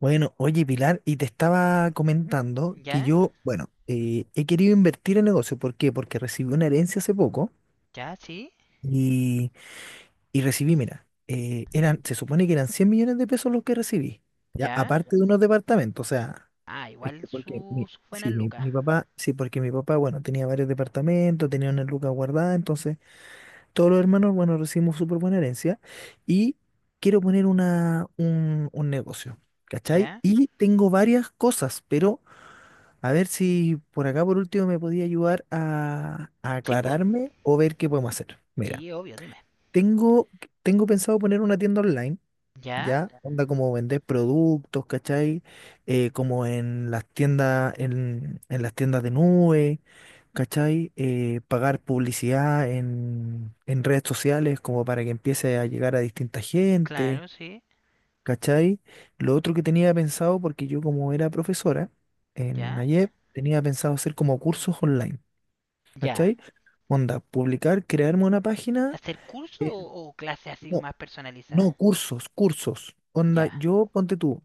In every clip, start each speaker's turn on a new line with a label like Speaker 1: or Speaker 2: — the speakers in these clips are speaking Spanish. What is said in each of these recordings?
Speaker 1: Bueno, oye Pilar, y te estaba comentando que
Speaker 2: ¿Ya?
Speaker 1: yo, bueno, he querido invertir en negocio. ¿Por qué? Porque recibí una herencia hace poco
Speaker 2: ¿Ya? ¿Sí?
Speaker 1: y, y recibí, mira, se supone que eran 100 millones de pesos los que recibí, ya,
Speaker 2: ¿Ya?
Speaker 1: aparte de unos departamentos, o sea,
Speaker 2: Ah,
Speaker 1: es
Speaker 2: igual
Speaker 1: que porque
Speaker 2: su,
Speaker 1: mi,
Speaker 2: su buena
Speaker 1: sí, mi,
Speaker 2: lucas.
Speaker 1: mi papá, sí, porque mi papá, bueno, tenía varios departamentos, tenía una lucas guardada, entonces todos los hermanos, bueno, recibimos súper buena herencia y quiero poner un negocio, ¿cachai?
Speaker 2: ¿Ya?
Speaker 1: Y tengo varias cosas, pero a ver si por acá por último me podía ayudar a
Speaker 2: Sí, pues.
Speaker 1: aclararme o ver qué podemos hacer. Mira,
Speaker 2: Sí, obvio, dime.
Speaker 1: tengo, tengo pensado poner una tienda online,
Speaker 2: ¿Ya?
Speaker 1: ¿ya? Onda como vender productos, ¿cachai? Como en las tiendas, en las tiendas de nube, ¿cachai? Pagar publicidad en redes sociales como para que empiece a llegar a distinta gente,
Speaker 2: Claro, sí.
Speaker 1: ¿cachai? Lo otro que tenía pensado, porque yo como era profesora en
Speaker 2: ¿Ya?
Speaker 1: ayer, tenía pensado hacer como cursos online,
Speaker 2: ¿Ya?
Speaker 1: ¿cachai? Onda, publicar, crearme una página.
Speaker 2: ¿Hacer curso
Speaker 1: eh,
Speaker 2: o clase así
Speaker 1: no,
Speaker 2: más personalizada?
Speaker 1: no, cursos, cursos. Onda,
Speaker 2: ¿Ya?
Speaker 1: yo ponte tú,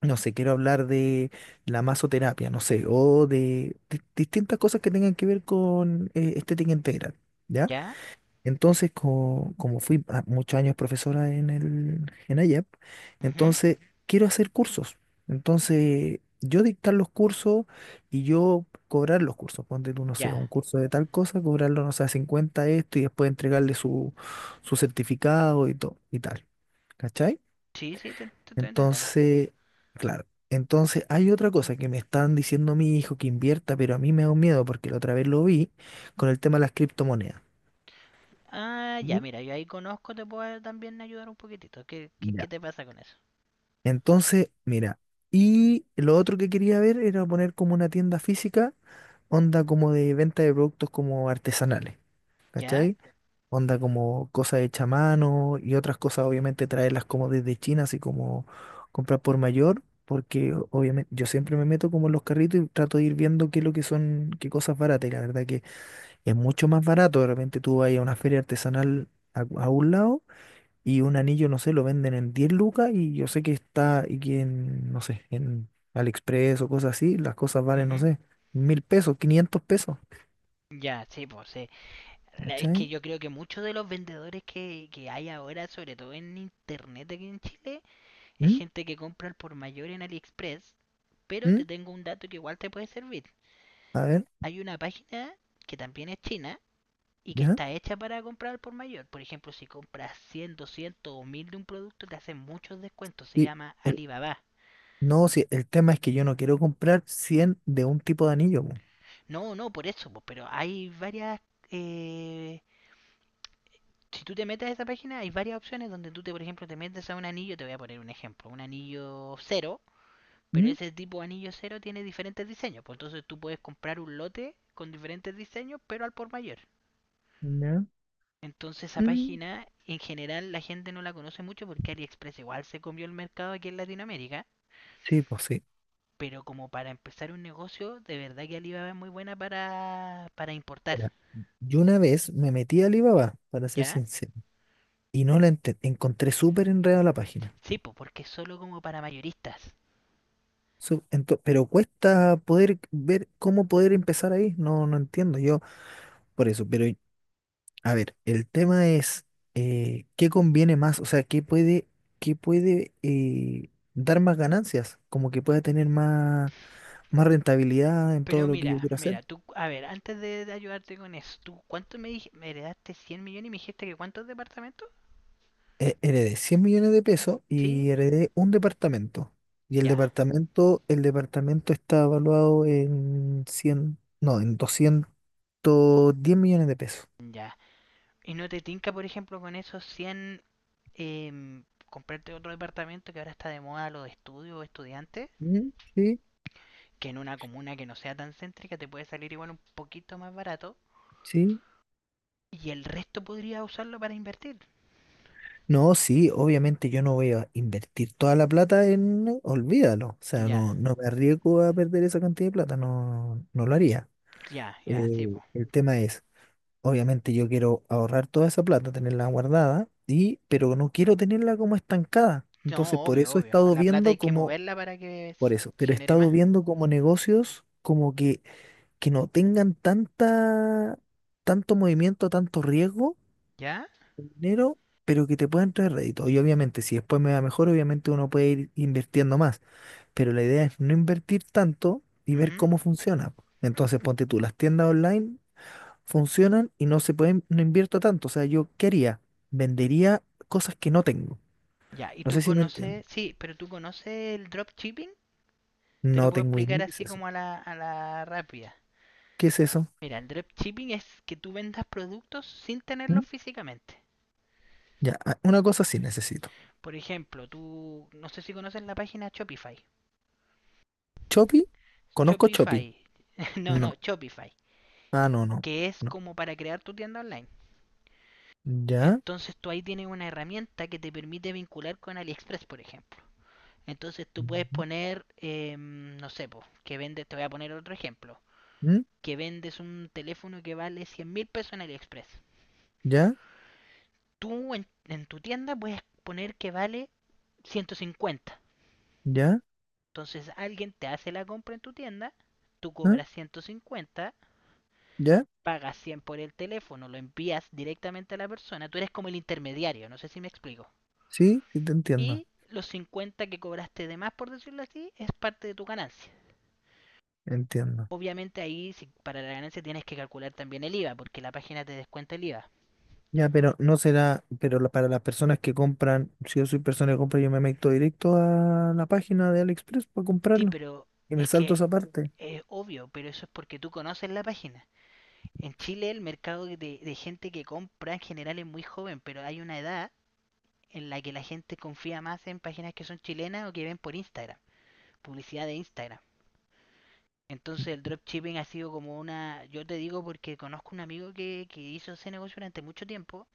Speaker 1: no sé, quiero hablar de la masoterapia, no sé, o de distintas cosas que tengan que ver con estética integral, ¿ya?
Speaker 2: ¿Ya?
Speaker 1: Entonces, como fui muchos años profesora en el, en IAP,
Speaker 2: Ujú.
Speaker 1: entonces quiero hacer cursos. Entonces, yo dictar los cursos y yo cobrar los cursos. Ponte tú, no sé, un
Speaker 2: ¿Ya?
Speaker 1: curso de tal cosa, cobrarlo, no sé, a 50 esto y después entregarle su, su certificado y todo, y tal. ¿Cachai?
Speaker 2: Sí, sí, te estoy entendiendo.
Speaker 1: Entonces, claro. Entonces, hay otra cosa que me están diciendo mi hijo que invierta, pero a mí me da un miedo porque la otra vez lo vi con el tema de las criptomonedas.
Speaker 2: Ah, ya,
Speaker 1: Y
Speaker 2: mira, yo ahí conozco, te puedo también ayudar un poquitito. ¿Qué, qué,
Speaker 1: Ya.
Speaker 2: qué te pasa con eso?
Speaker 1: Entonces, mira, y lo otro que quería ver era poner como una tienda física, onda como de venta de productos como artesanales,
Speaker 2: ¿Ya?
Speaker 1: ¿cachai? Onda como cosas hechas a mano y otras cosas obviamente traerlas como desde China, así como comprar por mayor, porque obviamente yo siempre me meto como en los carritos y trato de ir viendo qué es lo que son, qué cosas baratas, y la verdad que es mucho más barato, de repente tú vas a una feria artesanal a un lado y un anillo, no sé, lo venden en 10 lucas y yo sé que está, y que en, no sé, en AliExpress o cosas así, las cosas valen, no
Speaker 2: Ujú.
Speaker 1: sé, 1.000 pesos, 500 pesos,
Speaker 2: Ya, sí, pues sí. Es que
Speaker 1: ¿cachai?
Speaker 2: yo creo que muchos de los vendedores que hay ahora, sobre todo en internet aquí en Chile, es
Speaker 1: ¿Mm?
Speaker 2: gente que compra al por mayor en AliExpress, pero te
Speaker 1: ¿Mm?
Speaker 2: tengo un dato que igual te puede servir.
Speaker 1: A ver,
Speaker 2: Hay una página que también es china y que
Speaker 1: ¿ya?
Speaker 2: está hecha para comprar al por mayor. Por ejemplo, si compras 100, 200 o 1000 de un producto, te hacen muchos descuentos. Se
Speaker 1: Y
Speaker 2: llama Alibaba.
Speaker 1: No, sí, el tema es que yo no quiero comprar 100 de un tipo de anillo, po.
Speaker 2: No, no, por eso, pero hay varias. eh, si tú te metes a esa página, hay varias opciones donde tú, te, por ejemplo, te metes a un anillo, te voy a poner un ejemplo, un anillo cero. Pero
Speaker 1: ¿Mm?
Speaker 2: ese tipo de anillo cero tiene diferentes diseños. Pues entonces tú puedes comprar un lote con diferentes diseños, pero al por mayor.
Speaker 1: ¿Ya?
Speaker 2: Entonces esa
Speaker 1: Mm.
Speaker 2: página en general la gente no la conoce mucho porque AliExpress igual se comió el mercado aquí en Latinoamérica.
Speaker 1: Sí, pues sí.
Speaker 2: Pero como para empezar un negocio, de verdad que Alibaba es muy buena para importar.
Speaker 1: Mira, yo una vez me metí a Alibaba, para ser
Speaker 2: ¿Ya?
Speaker 1: sincero, y no la encontré súper enredada la página.
Speaker 2: Sí, pues porque es solo como para mayoristas.
Speaker 1: Pero cuesta poder ver cómo poder empezar ahí. No, no entiendo yo por eso. Pero, a ver, el tema es, ¿qué conviene más? O sea, ¿qué puede dar más ganancias? Como que pueda tener más rentabilidad en todo
Speaker 2: Pero
Speaker 1: lo que yo
Speaker 2: mira,
Speaker 1: quiero hacer.
Speaker 2: mira, tú, a ver, antes de ayudarte con eso, ¿tú cuánto me heredaste 100 millones y me dijiste que cuántos departamentos?
Speaker 1: Heredé 100 millones de pesos
Speaker 2: ¿Sí?
Speaker 1: y heredé un departamento. Y el
Speaker 2: Ya,
Speaker 1: departamento, el departamento está evaluado en 100 no, en 210 millones de pesos.
Speaker 2: ya. ¿Y no te tinca, por ejemplo, con esos cien, comprarte otro departamento que ahora está de moda los estudios o estudiantes?
Speaker 1: Mm. Sí,
Speaker 2: Que en una comuna que no sea tan céntrica te puede salir igual un poquito más barato.
Speaker 1: sí.
Speaker 2: Y el resto podría usarlo para invertir.
Speaker 1: No, sí, obviamente yo no voy a invertir toda la plata en, olvídalo, o sea,
Speaker 2: Ya,
Speaker 1: no, no me arriesgo a perder esa cantidad de plata, no, no lo haría.
Speaker 2: ya, ya, sí, po.
Speaker 1: El tema es, obviamente yo quiero ahorrar toda esa plata, tenerla guardada, y, pero no quiero tenerla como estancada. Entonces,
Speaker 2: No,
Speaker 1: por
Speaker 2: obvio,
Speaker 1: eso he
Speaker 2: obvio.
Speaker 1: estado
Speaker 2: La plata
Speaker 1: viendo
Speaker 2: hay que
Speaker 1: como,
Speaker 2: moverla para que
Speaker 1: por eso, pero he
Speaker 2: genere
Speaker 1: estado
Speaker 2: más.
Speaker 1: viendo como negocios como que no tengan tanta, tanto movimiento, tanto riesgo
Speaker 2: ¿Ya?
Speaker 1: dinero, pero que te puedan traer rédito. Y obviamente, si después me va mejor, obviamente uno puede ir invirtiendo más. Pero la idea es no invertir tanto y ver
Speaker 2: Ujú.
Speaker 1: cómo funciona. Entonces, ponte tú, las tiendas online funcionan y no se pueden, no invierto tanto. O sea, yo ¿qué haría? Vendería cosas que no tengo.
Speaker 2: Ya, ¿y
Speaker 1: No sé
Speaker 2: tú
Speaker 1: si me entienden.
Speaker 2: conoces? Sí, pero ¿tú conoces el dropshipping? Te lo
Speaker 1: No
Speaker 2: puedo
Speaker 1: tengo idea
Speaker 2: explicar
Speaker 1: qué es
Speaker 2: así
Speaker 1: eso.
Speaker 2: como a la rápida.
Speaker 1: ¿Qué es eso?
Speaker 2: Mira, el dropshipping es que tú vendas productos sin
Speaker 1: ¿Mm?
Speaker 2: tenerlos físicamente.
Speaker 1: Ya, ah, una cosa sí necesito.
Speaker 2: Por ejemplo, tú, no sé si conoces la página Shopify.
Speaker 1: ¿Chopi? ¿Conozco Chopi?
Speaker 2: Shopify, no, no,
Speaker 1: No.
Speaker 2: Shopify,
Speaker 1: Ah, no, no.
Speaker 2: que es
Speaker 1: No.
Speaker 2: como para crear tu tienda online.
Speaker 1: Ya.
Speaker 2: Entonces tú ahí tienes una herramienta que te permite vincular con AliExpress, por ejemplo. Entonces tú puedes
Speaker 1: Ujú.
Speaker 2: poner, no sé, po, que vendes, te voy a poner otro ejemplo,
Speaker 1: ¿Mm?
Speaker 2: que vendes un teléfono que vale 100.000 pesos en AliExpress.
Speaker 1: ¿Ya?
Speaker 2: Tú en tu tienda puedes poner que vale 150.
Speaker 1: ¿Ya?
Speaker 2: Entonces alguien te hace la compra en tu tienda, tú
Speaker 1: ¿Ah?
Speaker 2: cobras 150,
Speaker 1: ¿Ya?
Speaker 2: pagas 100 por el teléfono, lo envías directamente a la persona, tú eres como el intermediario, no sé si me explico.
Speaker 1: Sí, sí, te entiendo,
Speaker 2: Y los 50 que cobraste de más, por decirlo así, es parte de tu ganancia.
Speaker 1: entiendo.
Speaker 2: Obviamente ahí, si para la ganancia tienes que calcular también el IVA, porque la página te descuenta el IVA.
Speaker 1: Ya, pero no será, pero para las personas que compran, si yo soy persona que compra, yo me meto directo a la página de AliExpress para
Speaker 2: Sí,
Speaker 1: comprarlo
Speaker 2: pero
Speaker 1: y me
Speaker 2: es
Speaker 1: salto
Speaker 2: que
Speaker 1: esa parte.
Speaker 2: es obvio, pero eso es porque tú conoces la página. En Chile el mercado de gente que compra en general es muy joven, pero hay una edad en la que la gente confía más en páginas que son chilenas o que ven por Instagram, publicidad de Instagram. Entonces el dropshipping ha sido como una, yo te digo porque conozco un amigo que hizo ese negocio durante mucho tiempo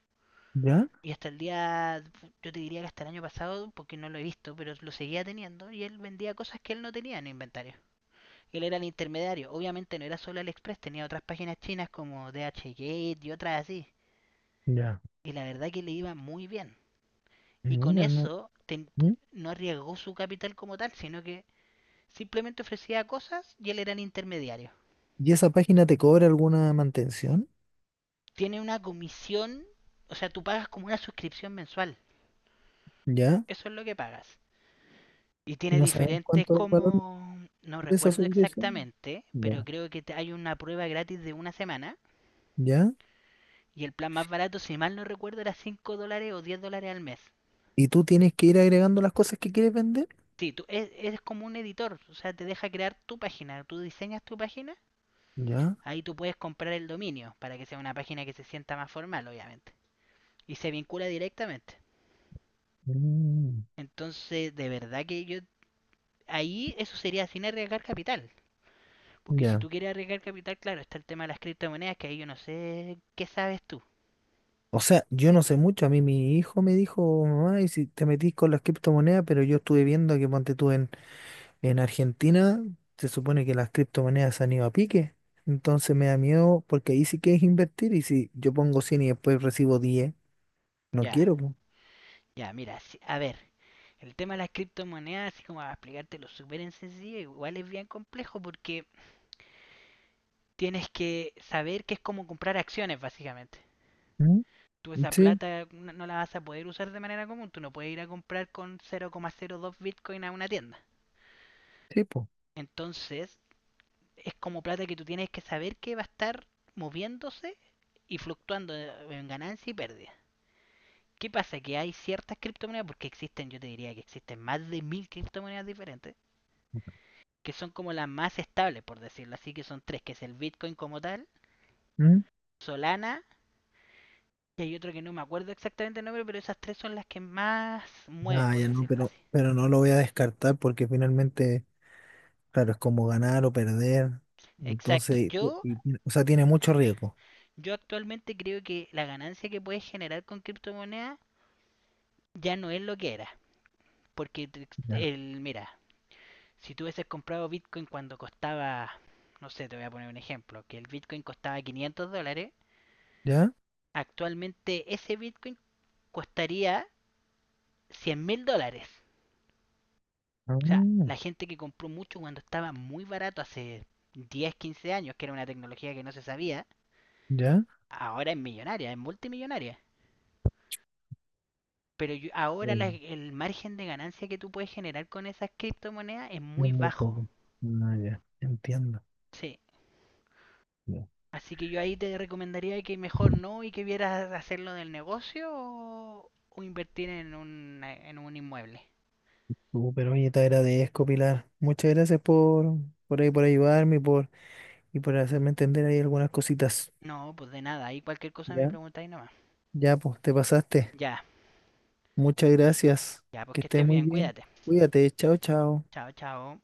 Speaker 1: ¿Ya?
Speaker 2: y hasta el día, yo te diría que hasta el año pasado, porque no lo he visto, pero lo seguía teniendo y él vendía cosas que él no tenía en el inventario. Él era el intermediario, obviamente no era solo AliExpress, tenía otras páginas chinas como DHgate y otras así.
Speaker 1: Ya.
Speaker 2: Y la verdad que le iba muy bien. Y con
Speaker 1: Mira, no.
Speaker 2: eso
Speaker 1: ¿Mm?
Speaker 2: no arriesgó su capital como tal, sino que simplemente ofrecía cosas y él era el intermediario.
Speaker 1: ¿Y esa página te cobra alguna mantención?
Speaker 2: Tiene una comisión, o sea, tú pagas como una suscripción mensual.
Speaker 1: ¿Ya?
Speaker 2: Eso es lo que pagas. Y
Speaker 1: ¿Y
Speaker 2: tiene
Speaker 1: no sabes
Speaker 2: diferentes
Speaker 1: cuánto es el valor
Speaker 2: como, no
Speaker 1: de esa
Speaker 2: recuerdo
Speaker 1: suscripción?
Speaker 2: exactamente, pero
Speaker 1: Ya.
Speaker 2: creo que hay una prueba gratis de una semana.
Speaker 1: ¿Ya?
Speaker 2: Y el plan más barato, si mal no recuerdo, era 5 dólares o 10 dólares al mes.
Speaker 1: ¿Y tú tienes que ir agregando las cosas que quieres vender?
Speaker 2: Sí, tú eres como un editor, o sea, te deja crear tu página. Tú diseñas tu página,
Speaker 1: ¿Ya?
Speaker 2: ahí tú puedes comprar el dominio para que sea una página que se sienta más formal, obviamente. Y se vincula directamente.
Speaker 1: Mm.
Speaker 2: Entonces, de verdad que yo ahí eso sería sin arriesgar capital, porque si
Speaker 1: Ya.
Speaker 2: tú quieres arriesgar capital, claro, está el tema de las criptomonedas que ahí yo no sé qué sabes tú.
Speaker 1: O sea, yo no sé mucho. A mí mi hijo me dijo, mamá, y si te metís con las criptomonedas, pero yo estuve viendo que ponte tú en Argentina, se supone que las criptomonedas se han ido a pique. Entonces me da miedo porque ahí sí que es invertir y si yo pongo 100 y después recibo 10, no
Speaker 2: Ya,
Speaker 1: quiero, po.
Speaker 2: ya, mira, a ver, el tema de las criptomonedas, así como a explicártelo súper en sencillo, igual es bien complejo porque tienes que saber que es como comprar acciones, básicamente.
Speaker 1: ¿Mm?
Speaker 2: Tú esa
Speaker 1: Sí,
Speaker 2: plata no, no la vas a poder usar de manera común, tú no puedes ir a comprar con 0,02 Bitcoin a una tienda.
Speaker 1: sí, po.
Speaker 2: Entonces, es como plata que tú tienes que saber que va a estar moviéndose y fluctuando en ganancia y pérdida. ¿Qué pasa? Que hay ciertas criptomonedas, porque existen, yo te diría que existen más de 1000 criptomonedas diferentes, que son como las más estables, por decirlo así, que son tres, que es el Bitcoin como tal,
Speaker 1: ¿Mm?
Speaker 2: Solana, y hay otro que no me acuerdo exactamente el nombre, pero esas tres son las que más mueven,
Speaker 1: Ah,
Speaker 2: por
Speaker 1: ya no,
Speaker 2: decirlo
Speaker 1: pero,
Speaker 2: así.
Speaker 1: pero no lo voy a descartar porque finalmente, claro, es como ganar o perder.
Speaker 2: Exacto.
Speaker 1: Entonces,
Speaker 2: Yo,
Speaker 1: o sea, tiene mucho riesgo.
Speaker 2: yo actualmente creo que la ganancia que puedes generar con criptomonedas ya no es lo que era. Porque
Speaker 1: Ya.
Speaker 2: mira, si tú hubieses comprado Bitcoin cuando costaba, no sé, te voy a poner un ejemplo, que el Bitcoin costaba 500 dólares,
Speaker 1: ¿Ya?
Speaker 2: actualmente ese Bitcoin costaría 100 mil dólares. O sea,
Speaker 1: Ah,
Speaker 2: la gente que compró mucho cuando estaba muy barato hace 10, 15 años, que era una tecnología que no se sabía,
Speaker 1: ¿ya?
Speaker 2: ahora es millonaria, es multimillonaria. Pero ahora
Speaker 1: Bueno.
Speaker 2: el margen de ganancia que tú puedes generar con esas criptomonedas es
Speaker 1: Es
Speaker 2: muy
Speaker 1: muy
Speaker 2: bajo.
Speaker 1: poco. Ah, ya, entiendo.
Speaker 2: Sí,
Speaker 1: Ya.
Speaker 2: así que yo ahí te recomendaría que mejor no y que vieras hacerlo del negocio o invertir en un, inmueble.
Speaker 1: Pero oye, te agradezco, Pilar. Muchas gracias por ahí, por ayudarme y por hacerme entender ahí algunas cositas.
Speaker 2: No, pues de nada, ahí cualquier cosa me
Speaker 1: Ya,
Speaker 2: preguntáis nomás.
Speaker 1: ya, pues te pasaste.
Speaker 2: Ya,
Speaker 1: Muchas gracias.
Speaker 2: ya, pues
Speaker 1: Que
Speaker 2: que
Speaker 1: estés
Speaker 2: estés
Speaker 1: muy
Speaker 2: bien,
Speaker 1: bien.
Speaker 2: cuídate.
Speaker 1: Cuídate. Chao, chao.
Speaker 2: Chao, chao.